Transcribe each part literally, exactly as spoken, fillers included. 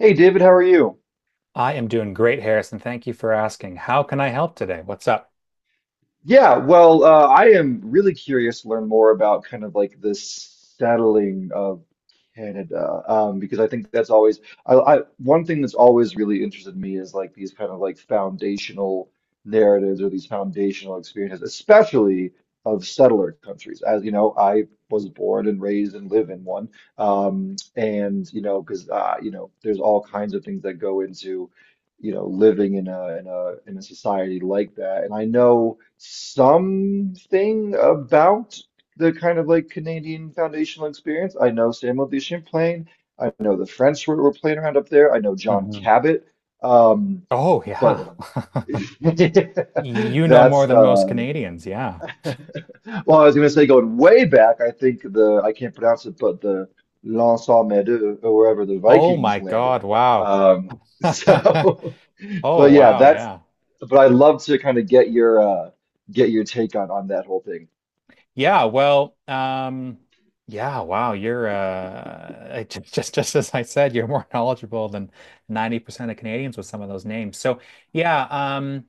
Hey David, how are you? I am doing great, Harrison. Thank you for asking. How can I help today? What's up? Yeah, well, uh, I am really curious to learn more about kind of like the settling of Canada, um, because I think that's always I, I one thing that's always really interested me is like these kind of like foundational narratives or these foundational experiences, especially of settler countries. As you know, I was born and raised and live in one, um, and you know, because uh, you know, there's all kinds of things that go into you know, living in a in a in a society like that. And I know something about the kind of like Canadian foundational experience. I know Samuel de Champlain. I know the French were, were playing around up there. I know John Hmm. Cabot. Um, Oh, yeah. but You know more that's than most uh Canadians. Yeah. well, I was gonna say going way back, I think the I can't pronounce it, but the L'Anse aux Meadows or wherever the Oh Vikings my landed. God. Wow. Um, so Oh, But yeah, wow. that's Yeah. but I would love to kind of get your uh get your take on on that whole thing. Yeah. Well, um, yeah. Wow. You're, uh, I- just, just, just as I said, you're more knowledgeable than ninety percent of Canadians with some of those names. So, yeah. um,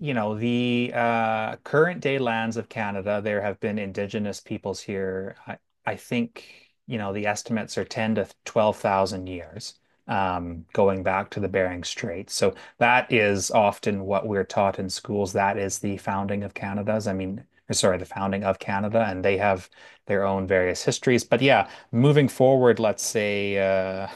You know, the uh, current day lands of Canada, there have been Indigenous peoples here. I, I think, you know, the estimates are ten to twelve thousand years, um, going back to the Bering Strait. So that is often what we're taught in schools. That is the founding of Canada's, I mean, or sorry, the founding of Canada, and they have their own various histories. But yeah, moving forward, let's say, uh,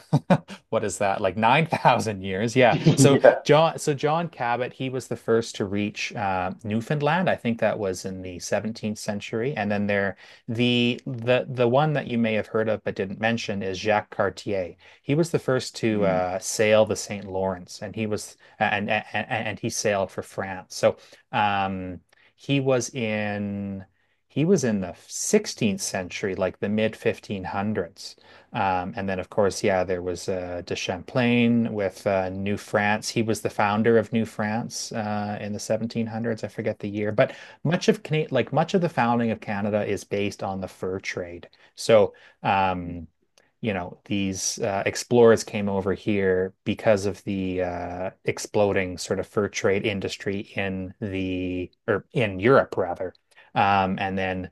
what is that, like nine thousand years? Yeah. So Yeah. John, so John Cabot, he was the first to reach uh, Newfoundland. I think that was in the seventeenth century. And then there, the the the one that you may have heard of but didn't mention is Jacques Cartier. He was the first to Mm. uh, sail the Saint Lawrence, and he was and and, and he sailed for France. So, um, he was in he was in the sixteenth century, like the mid fifteen hundreds. Um, and then, of course, yeah, there was uh, de Champlain with uh, New France. He was the founder of New France uh, in the seventeen hundreds. I forget the year, but much of Cana like much of the founding of Canada is based on the fur trade. So, Mm. um, you know, these uh, explorers came over here because of the uh, exploding sort of fur trade industry in the or in Europe rather. Um, and then,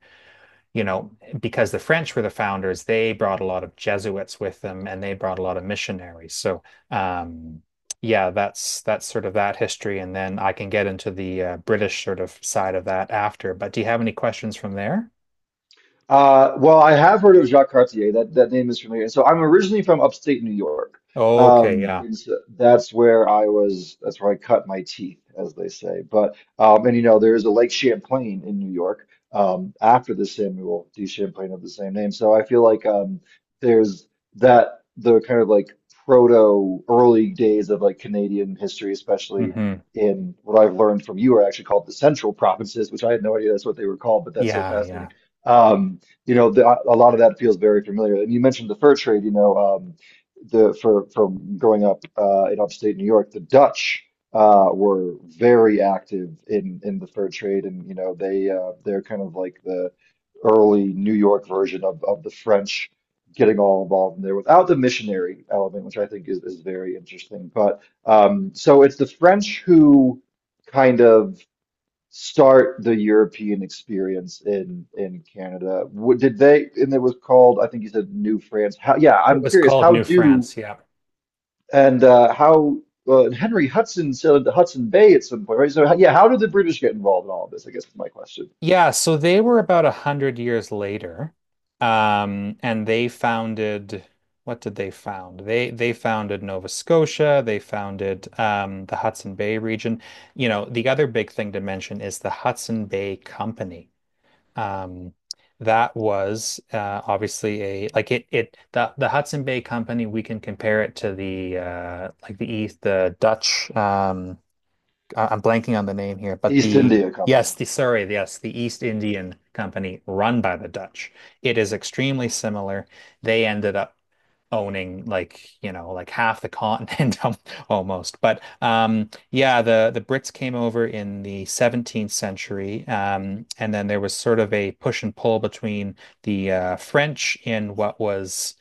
you know, because the French were the founders, they brought a lot of Jesuits with them and they brought a lot of missionaries. So, um, yeah, that's that's sort of that history, and then I can get into the uh, British sort of side of that after. But do you have any questions from there? Uh, well, I have heard of Jacques Cartier. That that name is familiar. So I'm originally from upstate New York. Okay, Um, yeah. And so that's where I was. That's where I cut my teeth, as they say. But um, and you know, there is a Lake Champlain in New York um, after the Samuel D. Champlain of the same name. So I feel like um, there's that the kind of like proto early days of like Canadian history, especially Hmm. in what I've learned from you, are actually called the Central Provinces, which I had no idea that's what they were called, but that's so Yeah, yeah. fascinating. Um, you know, the, a lot of that feels very familiar. And you mentioned the fur trade, you know, um, the for from growing up uh, in upstate New York, the Dutch uh, were very active in in the fur trade, and you know, they uh, they're kind of like the early New York version of of the French getting all involved in there without the missionary element, which I think is is very interesting. But um, so it's the French who kind of start the European experience in in Canada. What did they, and it was called, I think you said, New France. How, yeah, It I'm was curious, called how New do France. Yeah. and uh, how uh, and Henry Hudson sailed into Hudson Bay at some point, right? So how, yeah, how did the British get involved in all of this? I guess is my question. Yeah, so they were about a hundred years later, um, and they founded. What did they found? They they founded Nova Scotia. They founded um, the Hudson Bay region. You know, the other big thing to mention is the Hudson Bay Company. Um, that was uh, obviously a like it it the the Hudson Bay Company. We can compare it to the uh, like the East, the Dutch, um, I- I'm blanking on the name here, but East the, India yes, Company. the, sorry, yes, the East Indian Company, run by the Dutch. It is extremely similar. They ended up owning, like, you know, like half the continent al- almost. But um yeah, the the Brits came over in the seventeenth century, um and then there was sort of a push and pull between the uh, French in what was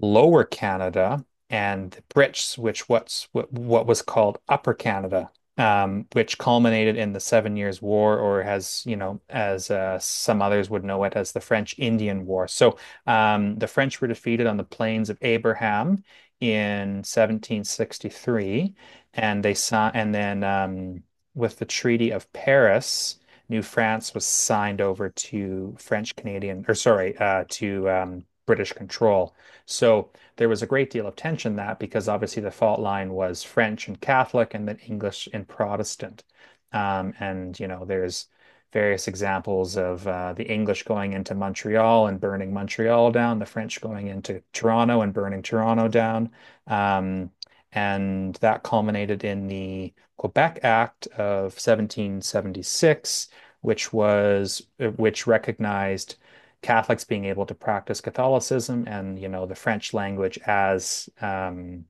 Lower Canada and the Pritsch, which what's what, what was called Upper Canada, um, which culminated in the Seven Years' War, or, as you know, as uh, some others would know it, as the French Indian War. So, um, the French were defeated on the Plains of Abraham in seventeen sixty-three, and they saw, and then um, with the Treaty of Paris, New France was signed over to French Canadian, or sorry, uh, to um, British control. So there was a great deal of tension, that because obviously the fault line was French and Catholic and then English and Protestant. Um, and you know, there's various examples of uh, the English going into Montreal and burning Montreal down, the French going into Toronto and burning Toronto down. Um, and that culminated in the Quebec Act of seventeen seventy-six, which was uh, which recognized Catholics being able to practice Catholicism, and, you know, the French language as um,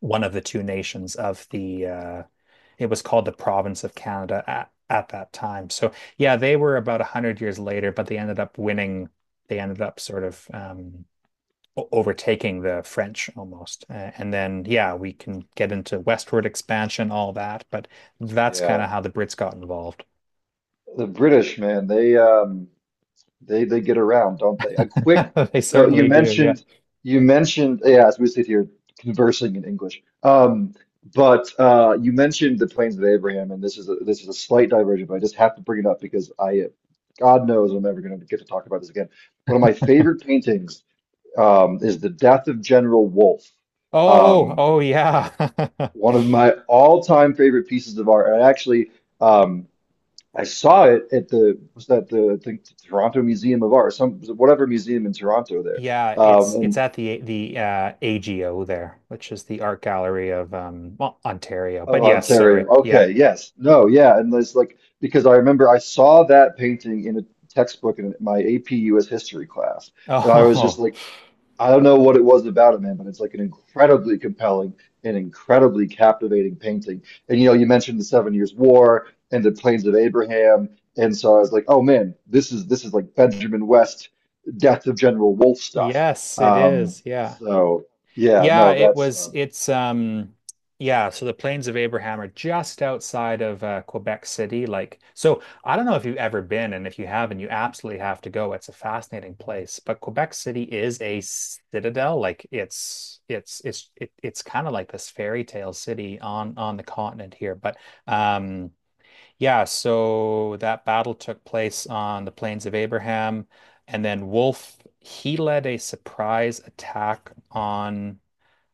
one of the two nations of the, uh, it was called the province of Canada at, at that time. So yeah, they were about a hundred years later, but they ended up winning. They ended up sort of um, overtaking the French almost. Uh, and then, yeah, we can get into westward expansion, all that, but that's kind Yeah, of how the Brits got involved. the British, man, they um They they get around, don't they? A quick, They so you certainly do. Yeah. mentioned you mentioned, yeah, as we sit here conversing in English. Um, but uh, you mentioned the Plains of Abraham, and this is a this is a slight diversion, but I just have to bring it up because I, God knows, I'm never going to get to talk about this again. One of my favorite paintings um, is The Death of General Wolfe. Oh, Um, oh yeah. One of my all-time favorite pieces of art. And I actually. Um, I saw it at the was that the I think Toronto Museum of Art, some whatever museum in Toronto there, Yeah, um, it's it's in at the the uh A G O there, which is the art gallery of, um well, Ontario. of But yes, sorry. Ontario. Yeah. Okay, yes, no, yeah, and it's like because I remember I saw that painting in a textbook in my A P U S history class, and I was just Oh, like, I don't know what it was about it, man, but it's like an incredibly compelling and incredibly captivating painting. And you know, you mentioned the Seven Years' War and the Plains of Abraham, and so I was like, oh man, this is this is like Benjamin West, Death of General Wolfe stuff. yes, it Um, is. Yeah. so yeah, Yeah, no, it that's was it's um yeah, so the Plains of Abraham are just outside of uh, Quebec City. Like, so I don't know if you've ever been, and if you haven't, you absolutely have to go. It's a fascinating place. But Quebec City is a citadel. Like it's it's it's it, it's kind of like this fairy tale city on on the continent here. But um yeah, so that battle took place on the Plains of Abraham, and then Wolfe, he led a surprise attack on,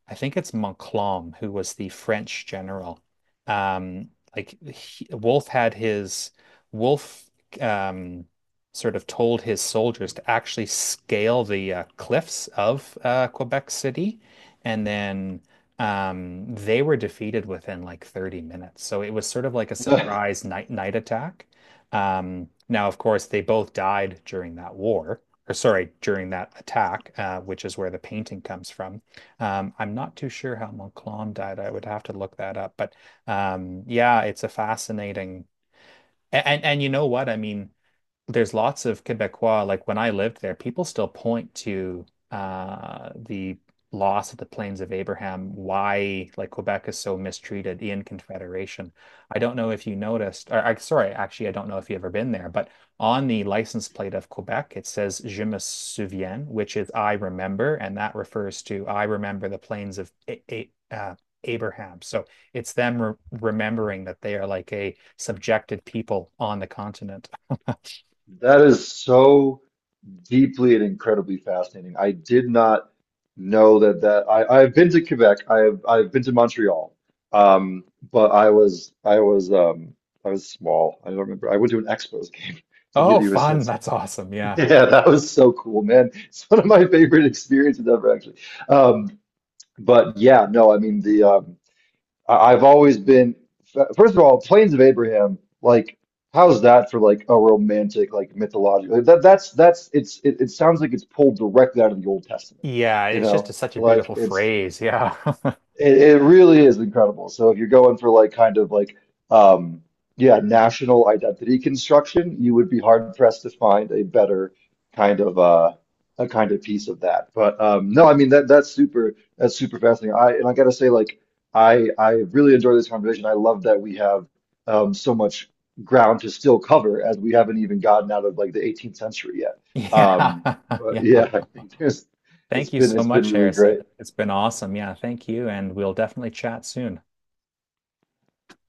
I think it's, Montcalm, who was the French general. Um, like he, Wolfe had his Wolfe um, sort of told his soldiers to actually scale the uh, cliffs of uh, Quebec City, and then um, they were defeated within like thirty minutes. So it was sort of like a uh, surprise night night attack. Um, now, of course, they both died during that war, or sorry, during that attack, uh, which is where the painting comes from. Um, I'm not too sure how Montcalm died. I would have to look that up. But um, yeah, it's a fascinating, and, and and you know what? I mean, there's lots of Quebecois, like when I lived there, people still point to uh, the loss of the Plains of Abraham, why, like, Quebec is so mistreated in Confederation. I don't know if you noticed, or, I, sorry, actually, I don't know if you've ever been there, but on the license plate of Quebec, it says Je me souviens, which is I remember, and that refers to I remember the Plains of A A- uh, Abraham. So it's them re remembering that they are like a subjected people on the continent. that is so deeply and incredibly fascinating. I did not know that that I I've been to Quebec. I've I've been to Montreal. Um, but I was I was um I was small. I don't remember. I went to an Expos game to give Oh, you a fun. sense of. That's awesome. Yeah. Yeah, that was so cool, man. It's one of my favorite experiences ever, actually. Um, but yeah, no, I mean the um, I- I've always been, first of all, Plains of Abraham, like, how's that for like a romantic, like mythological? Like, That that's that's it's it, it sounds like it's pulled directly out of the Old Testament, Yeah. you It's just know? a, such a Like beautiful it's phrase. Yeah. it, it really is incredible. So if you're going for like kind of like um yeah, national identity construction, you would be hard pressed to find a better kind of uh a kind of piece of that. But um no, I mean that that's super that's super fascinating. I and I gotta say like I I really enjoy this conversation. I love that we have um so much ground to still cover as we haven't even gotten out of like the eighteenth century yet. Um Yeah. but yeah, I Yeah. think there's it's Thank you been so it's been much, really Harrison. great. It's been awesome. Yeah. Thank you. And we'll definitely chat soon.